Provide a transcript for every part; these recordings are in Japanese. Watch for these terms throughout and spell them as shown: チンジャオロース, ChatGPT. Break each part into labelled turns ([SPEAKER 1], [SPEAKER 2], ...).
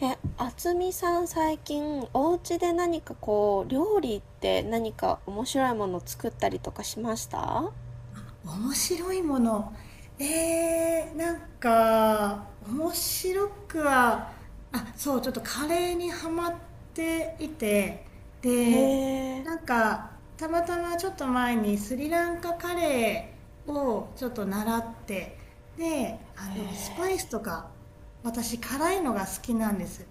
[SPEAKER 1] あつみさん、最近お家で何かこう料理って何か面白いもの作ったりとかしました？
[SPEAKER 2] 面白いもの。なんか、面白くは、あ、そう、ちょっとカレーにハマっていて、
[SPEAKER 1] へ
[SPEAKER 2] で、
[SPEAKER 1] え、へ
[SPEAKER 2] なんか、たまたまちょっと前にスリランカカレーをちょっと習って、で、スパ
[SPEAKER 1] え。
[SPEAKER 2] イスとか、私辛いのが好きなんです。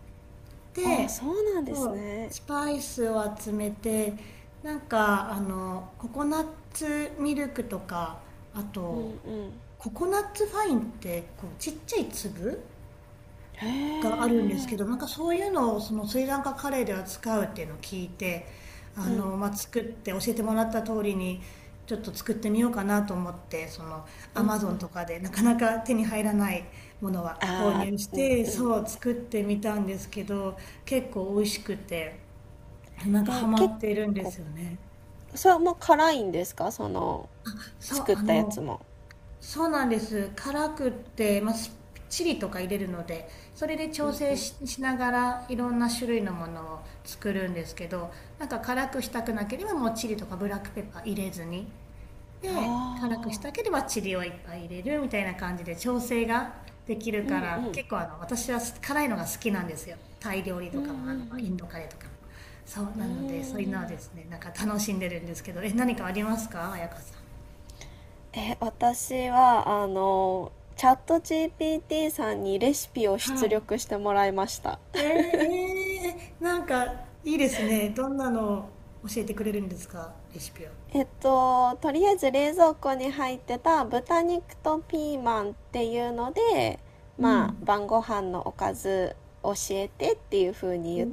[SPEAKER 1] ああ、そ
[SPEAKER 2] で、
[SPEAKER 1] うなんで
[SPEAKER 2] そ
[SPEAKER 1] す
[SPEAKER 2] う、
[SPEAKER 1] ね。
[SPEAKER 2] スパイスを集めて、なんか、ココナッツミルクとか、あ
[SPEAKER 1] うんう
[SPEAKER 2] と、
[SPEAKER 1] ん。
[SPEAKER 2] ココナッツファインって、こう、ちっちゃい粒
[SPEAKER 1] へ
[SPEAKER 2] があるんです
[SPEAKER 1] え。
[SPEAKER 2] けど、なんかそういうのをそのスリランカカレーでは使うっていうのを聞いて、
[SPEAKER 1] うん
[SPEAKER 2] まあ、作って教えてもらった通りにちょっと作ってみようかなと思って、その
[SPEAKER 1] うん
[SPEAKER 2] ア
[SPEAKER 1] うん。
[SPEAKER 2] マゾンとかでなかなか手に入らないものは購
[SPEAKER 1] ああ、
[SPEAKER 2] 入し
[SPEAKER 1] うん
[SPEAKER 2] て、
[SPEAKER 1] うん。
[SPEAKER 2] そう作ってみたんですけど、結構美味しくて、なんか
[SPEAKER 1] え、
[SPEAKER 2] ハマ
[SPEAKER 1] 結
[SPEAKER 2] っているんで
[SPEAKER 1] 構、
[SPEAKER 2] すよね。
[SPEAKER 1] それも辛いんですか？その
[SPEAKER 2] そう、
[SPEAKER 1] 作ったやつも。
[SPEAKER 2] そうなんです、辛くって、まあ、チリとか入れるので、それで
[SPEAKER 1] うん
[SPEAKER 2] 調
[SPEAKER 1] う
[SPEAKER 2] 整
[SPEAKER 1] ん。
[SPEAKER 2] し、しながらいろんな種類のものを作るんですけど、なんか辛くしたくなければもうチリとかブラックペッパー入れずに、
[SPEAKER 1] あ
[SPEAKER 2] で辛くし
[SPEAKER 1] あ、
[SPEAKER 2] たければチリをいっぱい入れるみたいな感じで調整ができる
[SPEAKER 1] う
[SPEAKER 2] か
[SPEAKER 1] んう
[SPEAKER 2] ら、
[SPEAKER 1] ん。
[SPEAKER 2] 結構あの私は辛いのが好きなんですよ。タイ料理
[SPEAKER 1] う
[SPEAKER 2] と
[SPEAKER 1] んうんう
[SPEAKER 2] かも、あのイ
[SPEAKER 1] ん。
[SPEAKER 2] ンドカレーとかも。そう
[SPEAKER 1] うー
[SPEAKER 2] なので、そういうのはで
[SPEAKER 1] ん。
[SPEAKER 2] すね、なんか楽しんでるんですけど、え、何かありますか彩香さ
[SPEAKER 1] 私は、チャット GPT さんにレシピを
[SPEAKER 2] ん。
[SPEAKER 1] 出
[SPEAKER 2] は
[SPEAKER 1] 力
[SPEAKER 2] い。
[SPEAKER 1] してもらいました。
[SPEAKER 2] なんかいいですね。どんなのを教えてくれるんですか、レシピは。
[SPEAKER 1] とりあえず冷蔵庫に入ってた豚肉とピーマンっていうので、
[SPEAKER 2] う
[SPEAKER 1] まあ、
[SPEAKER 2] ん。
[SPEAKER 1] 晩ご飯のおかず教えてっていう風に
[SPEAKER 2] お
[SPEAKER 1] 言っ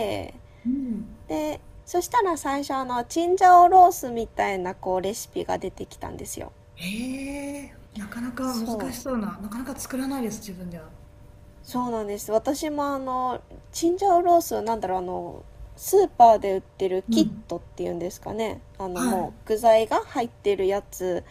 [SPEAKER 2] お、うん。
[SPEAKER 1] で、そしたら最初チンジャオロースみたいなこうレシピが出てきたんですよ。
[SPEAKER 2] ええー、なかなか難
[SPEAKER 1] そ
[SPEAKER 2] しそ
[SPEAKER 1] う。
[SPEAKER 2] うな、なかなか作らないです、自分では。
[SPEAKER 1] そうなんです。私もチンジャオロースは、なんだろう、あのスーパーで売ってる
[SPEAKER 2] う
[SPEAKER 1] キッ
[SPEAKER 2] ん。
[SPEAKER 1] トっていうんですかね。あの
[SPEAKER 2] は
[SPEAKER 1] もう
[SPEAKER 2] い。
[SPEAKER 1] 具材が入ってるやつ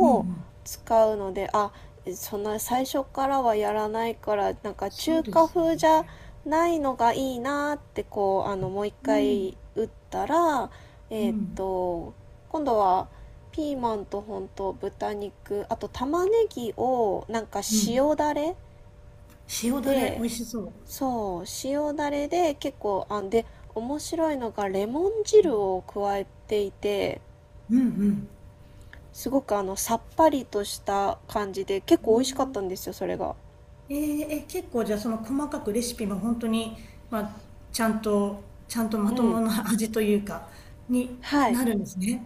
[SPEAKER 2] うんうん。
[SPEAKER 1] 使うので、あ、そんな最初からはやらないから、なんか
[SPEAKER 2] そ
[SPEAKER 1] 中
[SPEAKER 2] うで
[SPEAKER 1] 華
[SPEAKER 2] す
[SPEAKER 1] 風じゃ
[SPEAKER 2] ね。
[SPEAKER 1] ないのがいいなって、こう、あのもう一
[SPEAKER 2] う
[SPEAKER 1] 回
[SPEAKER 2] ん、
[SPEAKER 1] 打ったら、
[SPEAKER 2] う
[SPEAKER 1] えーっ
[SPEAKER 2] ん、
[SPEAKER 1] と今度はピーマンと、ほんと豚肉、あと玉ねぎをなんか
[SPEAKER 2] うん。
[SPEAKER 1] 塩だれ
[SPEAKER 2] 塩だれ、
[SPEAKER 1] で、
[SPEAKER 2] 美味しそ
[SPEAKER 1] そう、塩だれで結構、あ、で、面白いのがレモン汁を加えていて、
[SPEAKER 2] う。うん
[SPEAKER 1] すごくあの、さっぱりとした感じで、結
[SPEAKER 2] う
[SPEAKER 1] 構美味しかっ
[SPEAKER 2] ん。
[SPEAKER 1] たんですよ、それが。
[SPEAKER 2] えーえ、結構じゃあその細かくレシピも本当に、まあ、ちゃんと、ちゃんとま
[SPEAKER 1] う
[SPEAKER 2] と
[SPEAKER 1] ん。
[SPEAKER 2] もな味というか、に
[SPEAKER 1] はい。
[SPEAKER 2] なるんですね。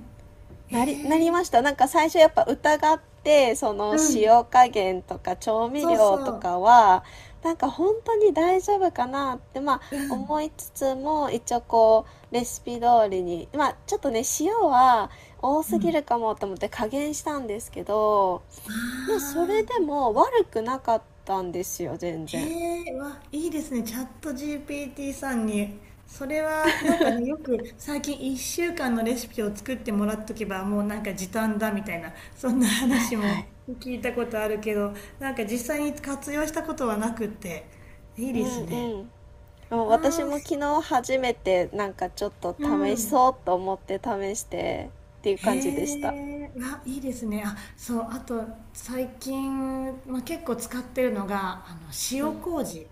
[SPEAKER 2] え
[SPEAKER 1] なりまし
[SPEAKER 2] え、
[SPEAKER 1] た。なんか最初やっぱ疑って、その
[SPEAKER 2] うん。
[SPEAKER 1] 塩加減とか調味
[SPEAKER 2] そう
[SPEAKER 1] 料と
[SPEAKER 2] そう。
[SPEAKER 1] かは、なんか本当に大丈夫かなって、まあ、思いつつも、一応こう、レシピ通りに、まあ、ちょっとね、塩は多
[SPEAKER 2] う
[SPEAKER 1] すぎ
[SPEAKER 2] ん。
[SPEAKER 1] るかもと思って加減したんですけど、
[SPEAKER 2] あ
[SPEAKER 1] まあ、それで
[SPEAKER 2] あ、
[SPEAKER 1] も悪くなかったんですよ、全然。
[SPEAKER 2] へえ、わ、いいですね。チャット GPT さんに。それは、なんかね、よく最近1週間のレシピを作ってもらっとけば、もうなんか時短だみたいな、そんな
[SPEAKER 1] はい
[SPEAKER 2] 話
[SPEAKER 1] はい。
[SPEAKER 2] も聞いたことあるけど、なんか実際に活用したことはなくって、いい
[SPEAKER 1] う
[SPEAKER 2] です
[SPEAKER 1] ん
[SPEAKER 2] ね。
[SPEAKER 1] うん。もう私
[SPEAKER 2] ああ、
[SPEAKER 1] も
[SPEAKER 2] そ
[SPEAKER 1] 昨日初めてなんかちょっと
[SPEAKER 2] う
[SPEAKER 1] 試
[SPEAKER 2] ん。
[SPEAKER 1] そうと思って試してっていう感じでした。
[SPEAKER 2] へえ、あ、いいですね。あ、そう、あと最近、まあ、結構使ってるのが、
[SPEAKER 1] う
[SPEAKER 2] 塩
[SPEAKER 1] ん。
[SPEAKER 2] 麹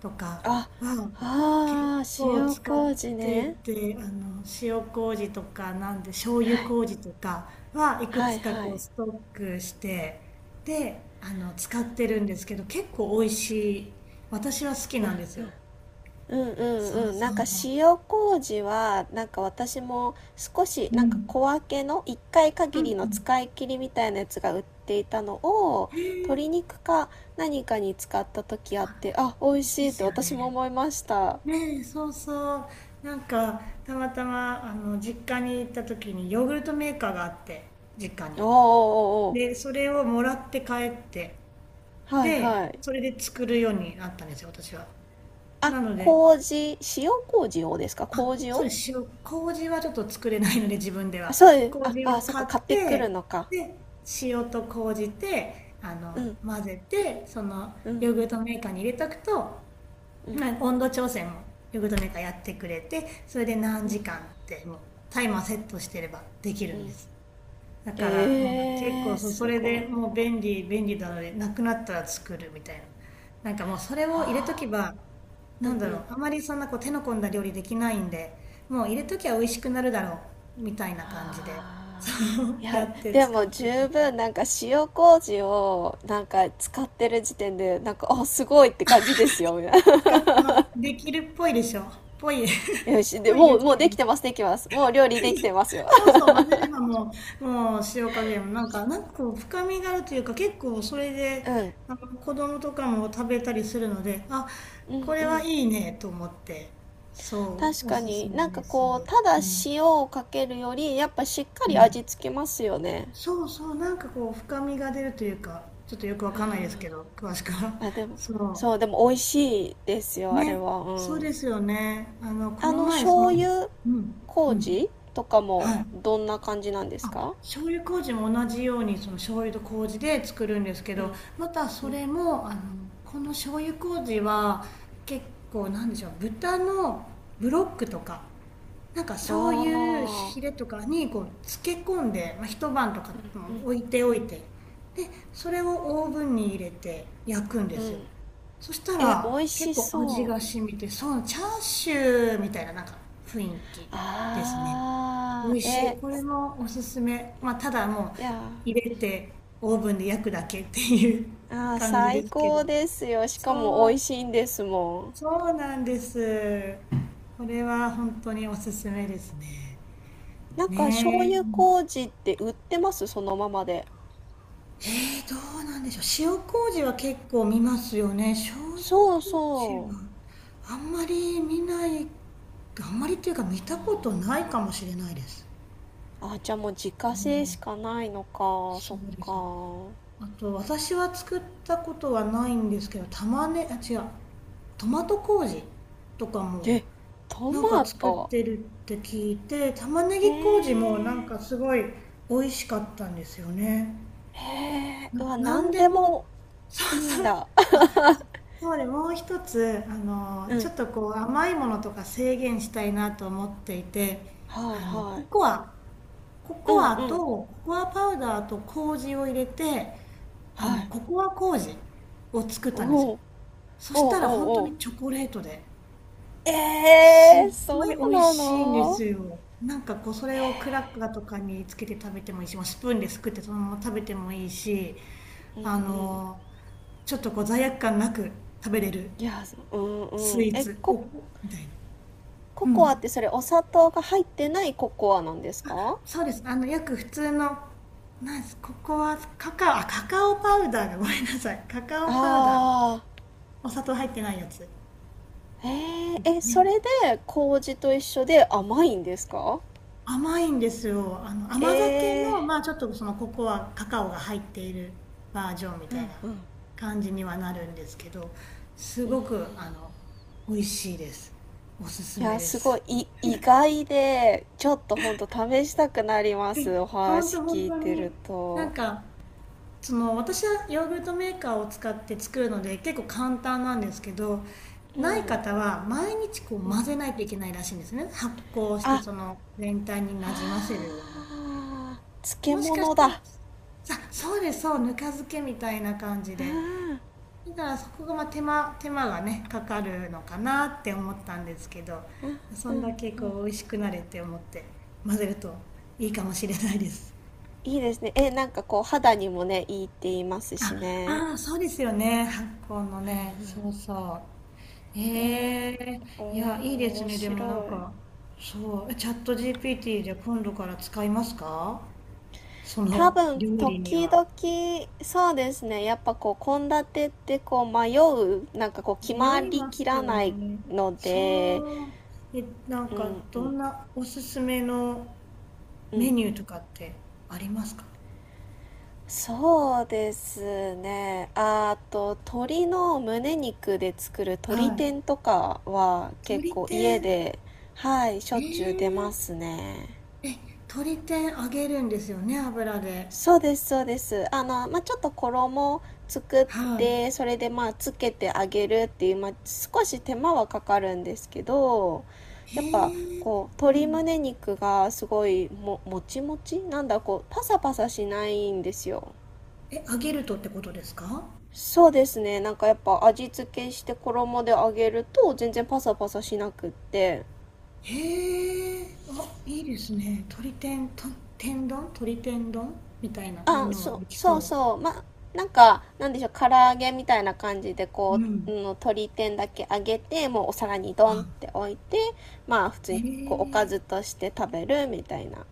[SPEAKER 2] とか
[SPEAKER 1] あ、
[SPEAKER 2] は
[SPEAKER 1] あ
[SPEAKER 2] 結
[SPEAKER 1] あ
[SPEAKER 2] 構
[SPEAKER 1] 塩
[SPEAKER 2] 使っ
[SPEAKER 1] 麹
[SPEAKER 2] てい
[SPEAKER 1] ね。
[SPEAKER 2] て、塩麹とか、なんで、醤
[SPEAKER 1] は
[SPEAKER 2] 油
[SPEAKER 1] い。
[SPEAKER 2] 麹とかはいく
[SPEAKER 1] はい
[SPEAKER 2] つか
[SPEAKER 1] は
[SPEAKER 2] こう
[SPEAKER 1] い。
[SPEAKER 2] ストックして、で、使ってるんですけど、結構美味しい。私は好きなんですよ。
[SPEAKER 1] うんうん
[SPEAKER 2] そう
[SPEAKER 1] うん。な
[SPEAKER 2] そ
[SPEAKER 1] んか
[SPEAKER 2] う。
[SPEAKER 1] 塩麹は、なんか私も少し
[SPEAKER 2] う
[SPEAKER 1] なんか
[SPEAKER 2] ん。
[SPEAKER 1] 小分けの1回
[SPEAKER 2] う
[SPEAKER 1] 限
[SPEAKER 2] ん
[SPEAKER 1] りの
[SPEAKER 2] うん。
[SPEAKER 1] 使い切りみたいなやつが売っていたのを
[SPEAKER 2] へ
[SPEAKER 1] 鶏
[SPEAKER 2] え、
[SPEAKER 1] 肉か何かに使った時あって、あ、美味
[SPEAKER 2] いい
[SPEAKER 1] しい
[SPEAKER 2] で
[SPEAKER 1] って
[SPEAKER 2] すよ
[SPEAKER 1] 私も
[SPEAKER 2] ね。
[SPEAKER 1] 思いました。
[SPEAKER 2] ねえ、そうそう。なんか、たまたま、実家に行った時にヨーグルトメーカーがあって、実家に。
[SPEAKER 1] おーおーおーお
[SPEAKER 2] で、それをもらって帰って、
[SPEAKER 1] ー。はい
[SPEAKER 2] で、
[SPEAKER 1] はい。
[SPEAKER 2] それで作るようになったんですよ、私は。
[SPEAKER 1] あ、
[SPEAKER 2] なので、
[SPEAKER 1] 麹、塩麹をですか？麹
[SPEAKER 2] そう
[SPEAKER 1] を。
[SPEAKER 2] です、塩、麹はちょっと作れないので、自分で
[SPEAKER 1] あ、
[SPEAKER 2] は。
[SPEAKER 1] そうです。
[SPEAKER 2] 麹を
[SPEAKER 1] そっか、
[SPEAKER 2] 買
[SPEAKER 1] 買
[SPEAKER 2] っ
[SPEAKER 1] ってくる
[SPEAKER 2] て、
[SPEAKER 1] のか。
[SPEAKER 2] で、塩と麹で、
[SPEAKER 1] うん、
[SPEAKER 2] 混ぜて、その、
[SPEAKER 1] うん、
[SPEAKER 2] ヨーグルトメーカーに入れとくと、
[SPEAKER 1] うん、
[SPEAKER 2] まあ、温度調整もヨーグルトメーカーやってくれて、それで何
[SPEAKER 1] うん、
[SPEAKER 2] 時間ってもうタイマーセットしてればでき
[SPEAKER 1] う
[SPEAKER 2] るんで
[SPEAKER 1] ん。
[SPEAKER 2] す。だからもう結
[SPEAKER 1] え
[SPEAKER 2] 構、
[SPEAKER 1] ー、
[SPEAKER 2] そそ
[SPEAKER 1] す
[SPEAKER 2] れ
[SPEAKER 1] ごい。
[SPEAKER 2] でもう便利便利なのでなくなったら作るみたいな。なんかもうそれを入れと
[SPEAKER 1] は
[SPEAKER 2] け
[SPEAKER 1] あ、
[SPEAKER 2] ば、
[SPEAKER 1] う
[SPEAKER 2] なん
[SPEAKER 1] ん
[SPEAKER 2] だ
[SPEAKER 1] う
[SPEAKER 2] ろ
[SPEAKER 1] ん。
[SPEAKER 2] う、あまりそんなこう手の込んだ料理できないんで、もう入れときゃ美味しくなるだろうみたいな感じで、そ
[SPEAKER 1] はあ。い
[SPEAKER 2] う や
[SPEAKER 1] や、
[SPEAKER 2] って
[SPEAKER 1] で
[SPEAKER 2] 使
[SPEAKER 1] も
[SPEAKER 2] ってるん
[SPEAKER 1] 十
[SPEAKER 2] ですよ。
[SPEAKER 1] 分なんか塩麹をなんか使ってる時点で、なんか、あ、すごいって感じですよ。みたいな。
[SPEAKER 2] 使っ、できるっぽいでしょ。ぽい
[SPEAKER 1] よし、で、
[SPEAKER 2] ぽいです
[SPEAKER 1] もう
[SPEAKER 2] け
[SPEAKER 1] で
[SPEAKER 2] ど。
[SPEAKER 1] きてます、できます。もう料理できてますよ。
[SPEAKER 2] そうそう、混ぜればもう、もう塩加減もなんか、なんかこう深みがあるというか、結構それ で、
[SPEAKER 1] うん、
[SPEAKER 2] あの子供とかも食べたりするので、あ、
[SPEAKER 1] う
[SPEAKER 2] こ
[SPEAKER 1] ん、う
[SPEAKER 2] れは
[SPEAKER 1] ん。
[SPEAKER 2] いいねと思って、そ
[SPEAKER 1] 確
[SPEAKER 2] う、お
[SPEAKER 1] か
[SPEAKER 2] すす
[SPEAKER 1] に、
[SPEAKER 2] め
[SPEAKER 1] なんか
[SPEAKER 2] です。
[SPEAKER 1] こうただ
[SPEAKER 2] うん。
[SPEAKER 1] 塩をかけるよりやっぱしっか
[SPEAKER 2] う
[SPEAKER 1] り
[SPEAKER 2] ん。
[SPEAKER 1] 味付けますよね。
[SPEAKER 2] そうそう、なんかこう深みが出るというか、ちょっとよくわかんないですけど、詳しくは。
[SPEAKER 1] あで も、
[SPEAKER 2] そ
[SPEAKER 1] そう、でも美味しいです
[SPEAKER 2] う。
[SPEAKER 1] よ、あれ
[SPEAKER 2] ね。
[SPEAKER 1] は。う
[SPEAKER 2] そう
[SPEAKER 1] ん。
[SPEAKER 2] ですよね。あの、こ
[SPEAKER 1] あ
[SPEAKER 2] の
[SPEAKER 1] の
[SPEAKER 2] 前、そ
[SPEAKER 1] 醤
[SPEAKER 2] の、
[SPEAKER 1] 油
[SPEAKER 2] うん、うん。
[SPEAKER 1] 麹とかも
[SPEAKER 2] はい。
[SPEAKER 1] どんな感じなんです
[SPEAKER 2] あ、
[SPEAKER 1] か？
[SPEAKER 2] 醤油麹も同じようにその醤油と麹で作るんですけ
[SPEAKER 1] う
[SPEAKER 2] ど、
[SPEAKER 1] ん。
[SPEAKER 2] またそれもあの、この醤油麹は結構なんでしょう、豚のブロックとかなんか
[SPEAKER 1] あ
[SPEAKER 2] そういうヒレ
[SPEAKER 1] あ
[SPEAKER 2] とかにこう漬け込んで、まあ、一晩とか、うん、置いておいて、でそれをオーブンに入れて焼くん
[SPEAKER 1] ー。
[SPEAKER 2] で
[SPEAKER 1] う
[SPEAKER 2] すよ。
[SPEAKER 1] ん。
[SPEAKER 2] そした
[SPEAKER 1] え、美
[SPEAKER 2] ら
[SPEAKER 1] 味し
[SPEAKER 2] 結構味
[SPEAKER 1] そう。
[SPEAKER 2] が染みて、そうチャーシューみたいななんか雰囲気ですね。美
[SPEAKER 1] あ
[SPEAKER 2] 味
[SPEAKER 1] あー。
[SPEAKER 2] し
[SPEAKER 1] え。
[SPEAKER 2] い、これもおすすめ。まあただもう
[SPEAKER 1] いや
[SPEAKER 2] 入
[SPEAKER 1] ー。
[SPEAKER 2] れてオーブンで焼くだけっていう
[SPEAKER 1] あー、
[SPEAKER 2] 感じ
[SPEAKER 1] 最
[SPEAKER 2] ですけど。
[SPEAKER 1] 高ですよ。し
[SPEAKER 2] そ
[SPEAKER 1] かも美味
[SPEAKER 2] う、
[SPEAKER 1] しいんですも
[SPEAKER 2] そうなんです、これは本当におすすめですね。
[SPEAKER 1] ん。なんか醤
[SPEAKER 2] ね
[SPEAKER 1] 油
[SPEAKER 2] え。
[SPEAKER 1] 麹って売ってますそのままで？
[SPEAKER 2] えー、どうなんでしょう。塩麹は結構見ますよね。醤油
[SPEAKER 1] そう
[SPEAKER 2] 麹
[SPEAKER 1] そう。
[SPEAKER 2] はあんまり見ない、あんまりっていうか見たことないかもしれないです。
[SPEAKER 1] あ、じゃあもう自家
[SPEAKER 2] う
[SPEAKER 1] 製し
[SPEAKER 2] ん、
[SPEAKER 1] かないのか。そ
[SPEAKER 2] そ
[SPEAKER 1] っ
[SPEAKER 2] うですね。
[SPEAKER 1] か。
[SPEAKER 2] あと、私は作ったことはないんですけど、玉ね、あ、違う、トマト麹とかも
[SPEAKER 1] え、ト
[SPEAKER 2] なんか
[SPEAKER 1] マ
[SPEAKER 2] 作っ
[SPEAKER 1] ト。
[SPEAKER 2] てるって聞いて、玉ね
[SPEAKER 1] へ
[SPEAKER 2] ぎ麹もなん
[SPEAKER 1] え。
[SPEAKER 2] かすごい美味しかったんですよね。
[SPEAKER 1] へえ。うわ、
[SPEAKER 2] な
[SPEAKER 1] な
[SPEAKER 2] ん
[SPEAKER 1] ん
[SPEAKER 2] で
[SPEAKER 1] でも
[SPEAKER 2] も、そう
[SPEAKER 1] いいん
[SPEAKER 2] そう
[SPEAKER 1] だ。
[SPEAKER 2] そう、で、もう一つ、
[SPEAKER 1] う
[SPEAKER 2] ち
[SPEAKER 1] ん。
[SPEAKER 2] ょっとこう甘いものとか制限したいなと思っていて、
[SPEAKER 1] はいは
[SPEAKER 2] ココア、
[SPEAKER 1] い。うんう
[SPEAKER 2] と
[SPEAKER 1] ん。
[SPEAKER 2] ココアパウダーと麹を入れて、
[SPEAKER 1] はい。
[SPEAKER 2] ココア麹を作っ
[SPEAKER 1] お
[SPEAKER 2] たんですよ。
[SPEAKER 1] お。
[SPEAKER 2] そ
[SPEAKER 1] おお
[SPEAKER 2] し
[SPEAKER 1] お
[SPEAKER 2] たら本当
[SPEAKER 1] お。
[SPEAKER 2] にチョコレートで、
[SPEAKER 1] え
[SPEAKER 2] す
[SPEAKER 1] えー、
[SPEAKER 2] っご
[SPEAKER 1] そう
[SPEAKER 2] い美味
[SPEAKER 1] な
[SPEAKER 2] しいんで
[SPEAKER 1] の？
[SPEAKER 2] すよ。なんかこう、それをクラッカーとかにつけて食べてもいいし、もうスプーンですくってそのまま食べてもいいし、
[SPEAKER 1] うん
[SPEAKER 2] あ
[SPEAKER 1] うん。
[SPEAKER 2] の、ちょっとこう罪悪感なく食べれる
[SPEAKER 1] いや、そうんう
[SPEAKER 2] ス
[SPEAKER 1] ん。
[SPEAKER 2] イーツおみたい
[SPEAKER 1] コ
[SPEAKER 2] な、う
[SPEAKER 1] コアっ
[SPEAKER 2] ん、
[SPEAKER 1] てそれお砂糖が入ってないココアなんですか？
[SPEAKER 2] そうです、あのよく普通のなんです、ここはカカオ、カカオパウダーが、ごめんなさい、カカオパウダー、
[SPEAKER 1] ああ。
[SPEAKER 2] お砂糖入ってないやつ、
[SPEAKER 1] へえ、え、そ
[SPEAKER 2] ね、
[SPEAKER 1] れで麹と一緒で甘いんですか？
[SPEAKER 2] 甘いんですよ、あの
[SPEAKER 1] え
[SPEAKER 2] 甘酒
[SPEAKER 1] え、
[SPEAKER 2] のまあちょっとそのここはカカオが入っているバージョンみ
[SPEAKER 1] う
[SPEAKER 2] たい
[SPEAKER 1] ん
[SPEAKER 2] な
[SPEAKER 1] うん。
[SPEAKER 2] 感じにはなるんですけど、すごくあの美味しいです。おすす
[SPEAKER 1] いや、
[SPEAKER 2] めで
[SPEAKER 1] すごい、
[SPEAKER 2] す。
[SPEAKER 1] 意外で、ちょっとほんと試したくなります。お
[SPEAKER 2] 本
[SPEAKER 1] 話
[SPEAKER 2] 当、本
[SPEAKER 1] 聞い
[SPEAKER 2] 当
[SPEAKER 1] て
[SPEAKER 2] に、
[SPEAKER 1] る
[SPEAKER 2] なん
[SPEAKER 1] と。
[SPEAKER 2] かその、私はヨーグルトメーカーを使って作るので結構簡単なんですけど、
[SPEAKER 1] う
[SPEAKER 2] ない
[SPEAKER 1] ん、
[SPEAKER 2] 方は毎日こう
[SPEAKER 1] うん。
[SPEAKER 2] 混ぜないといけないらしいんですね、発酵して
[SPEAKER 1] あ、
[SPEAKER 2] その全体になじませるように。
[SPEAKER 1] あー、漬
[SPEAKER 2] もしかし
[SPEAKER 1] 物だ。
[SPEAKER 2] たら、
[SPEAKER 1] あ
[SPEAKER 2] さそうです、そう、ぬか漬けみたいな感じ
[SPEAKER 1] あ、
[SPEAKER 2] で、だからそこがまあ手間、手間がねかかるのかなって思ったんですけど、そ
[SPEAKER 1] う
[SPEAKER 2] んだ
[SPEAKER 1] ん
[SPEAKER 2] け
[SPEAKER 1] うん。
[SPEAKER 2] こう美味しくなれって思って混ぜるといいかもしれないです。
[SPEAKER 1] いいですね。え、なんかこう肌にもね、いいって言いますし
[SPEAKER 2] あ
[SPEAKER 1] ね。
[SPEAKER 2] あ、あそうですよね、発酵のね、そうそう。
[SPEAKER 1] えー、
[SPEAKER 2] ええ、い
[SPEAKER 1] お、
[SPEAKER 2] や、いいです
[SPEAKER 1] 面
[SPEAKER 2] ね。でもなん
[SPEAKER 1] 白
[SPEAKER 2] か、
[SPEAKER 1] い。
[SPEAKER 2] そう、チャット GPT じゃ今度から使いますか、そ
[SPEAKER 1] 多
[SPEAKER 2] の
[SPEAKER 1] 分
[SPEAKER 2] 料理に
[SPEAKER 1] 時
[SPEAKER 2] は。
[SPEAKER 1] 々、そうですね、やっぱこう献立ってこう迷う、なんかこう決ま
[SPEAKER 2] 迷い
[SPEAKER 1] り
[SPEAKER 2] ま
[SPEAKER 1] き
[SPEAKER 2] す
[SPEAKER 1] ら
[SPEAKER 2] よ
[SPEAKER 1] ない
[SPEAKER 2] ね。
[SPEAKER 1] ので。
[SPEAKER 2] そう。え、な
[SPEAKER 1] う
[SPEAKER 2] ん
[SPEAKER 1] ん
[SPEAKER 2] か、
[SPEAKER 1] う
[SPEAKER 2] ど
[SPEAKER 1] ん
[SPEAKER 2] んなおすすめの
[SPEAKER 1] うん。
[SPEAKER 2] メニューとかってありますか。
[SPEAKER 1] そうですね。ああと、鶏の胸肉で作る
[SPEAKER 2] は
[SPEAKER 1] 鶏
[SPEAKER 2] い。
[SPEAKER 1] 天とかは結
[SPEAKER 2] 鶏
[SPEAKER 1] 構家
[SPEAKER 2] 天。
[SPEAKER 1] ではいしょっちゅう出
[SPEAKER 2] え
[SPEAKER 1] ます
[SPEAKER 2] え、
[SPEAKER 1] ね。
[SPEAKER 2] え、鶏天揚げるんですよね、油で。
[SPEAKER 1] そうです、そうです。あの、まあ、ちょっと衣を作っ
[SPEAKER 2] は
[SPEAKER 1] て、それでまあつけてあげるっていう、まあ、少し手間はかかるんですけど、
[SPEAKER 2] い。
[SPEAKER 1] やっぱ
[SPEAKER 2] へえ、
[SPEAKER 1] こう
[SPEAKER 2] う
[SPEAKER 1] 鶏
[SPEAKER 2] ん。
[SPEAKER 1] 胸肉がすごいもちもちなんだ、こうパサパサしないんですよ。
[SPEAKER 2] え、揚げるとってことですか。
[SPEAKER 1] そうですね。なんかやっぱ味付けして衣で揚げると全然パサパサしなくって。
[SPEAKER 2] へえ、あ、いいですね。鶏天、と、天丼、鶏天丼みたいなの
[SPEAKER 1] あ、
[SPEAKER 2] にも
[SPEAKER 1] そう
[SPEAKER 2] でき
[SPEAKER 1] そう
[SPEAKER 2] そ
[SPEAKER 1] そう。まあ、なんか、なんでしょう、唐揚げみたいな感じで
[SPEAKER 2] う。
[SPEAKER 1] こ
[SPEAKER 2] う
[SPEAKER 1] う、う
[SPEAKER 2] ん。
[SPEAKER 1] ん、鶏天だけ揚げて、もうお皿にドンっ
[SPEAKER 2] あ、
[SPEAKER 1] て置いて、まあ普通
[SPEAKER 2] え
[SPEAKER 1] にこうおか
[SPEAKER 2] え、
[SPEAKER 1] ずとして食べるみたいな。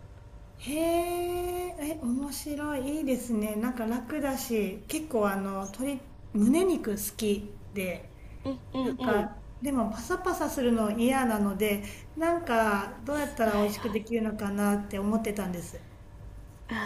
[SPEAKER 2] へえ、え、面白い。いいですね。なんか楽だし、結構あの、鶏、胸肉好きで、
[SPEAKER 1] うんうん
[SPEAKER 2] な
[SPEAKER 1] う
[SPEAKER 2] ん
[SPEAKER 1] ん。はい
[SPEAKER 2] か、でもパサパサするの嫌なので、なんか、どうやった
[SPEAKER 1] は
[SPEAKER 2] ら美
[SPEAKER 1] い。
[SPEAKER 2] 味しくできるのかなって思ってたんです。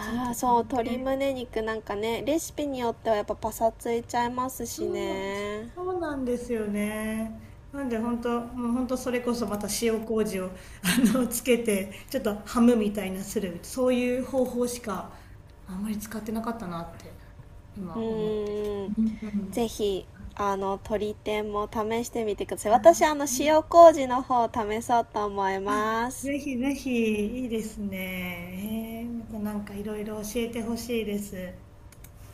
[SPEAKER 2] ちょっと
[SPEAKER 1] あ、そう、
[SPEAKER 2] 鶏
[SPEAKER 1] 鶏
[SPEAKER 2] 天、
[SPEAKER 1] 胸肉なんかね、レシピによってはやっぱパサついちゃいますし
[SPEAKER 2] そう、
[SPEAKER 1] ね。
[SPEAKER 2] そうなんですよね。なんで本当、もう本当それこそまた塩麹を、つけて、ちょっとハムみたいなする、そういう方法しかあんまり使ってなかったなって
[SPEAKER 1] う
[SPEAKER 2] 今思って。
[SPEAKER 1] ーん。
[SPEAKER 2] うんう
[SPEAKER 1] ぜひあの鶏天も試してみてください。私あの塩
[SPEAKER 2] ん。
[SPEAKER 1] 麹の方試そうと思います。
[SPEAKER 2] ぜひぜひ、いいですね。えーまたなんかいろいろ教えてほしいです。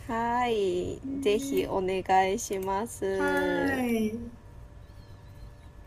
[SPEAKER 1] はい、ぜ
[SPEAKER 2] ね、
[SPEAKER 1] ひお願いしま
[SPEAKER 2] は
[SPEAKER 1] す。
[SPEAKER 2] ーい。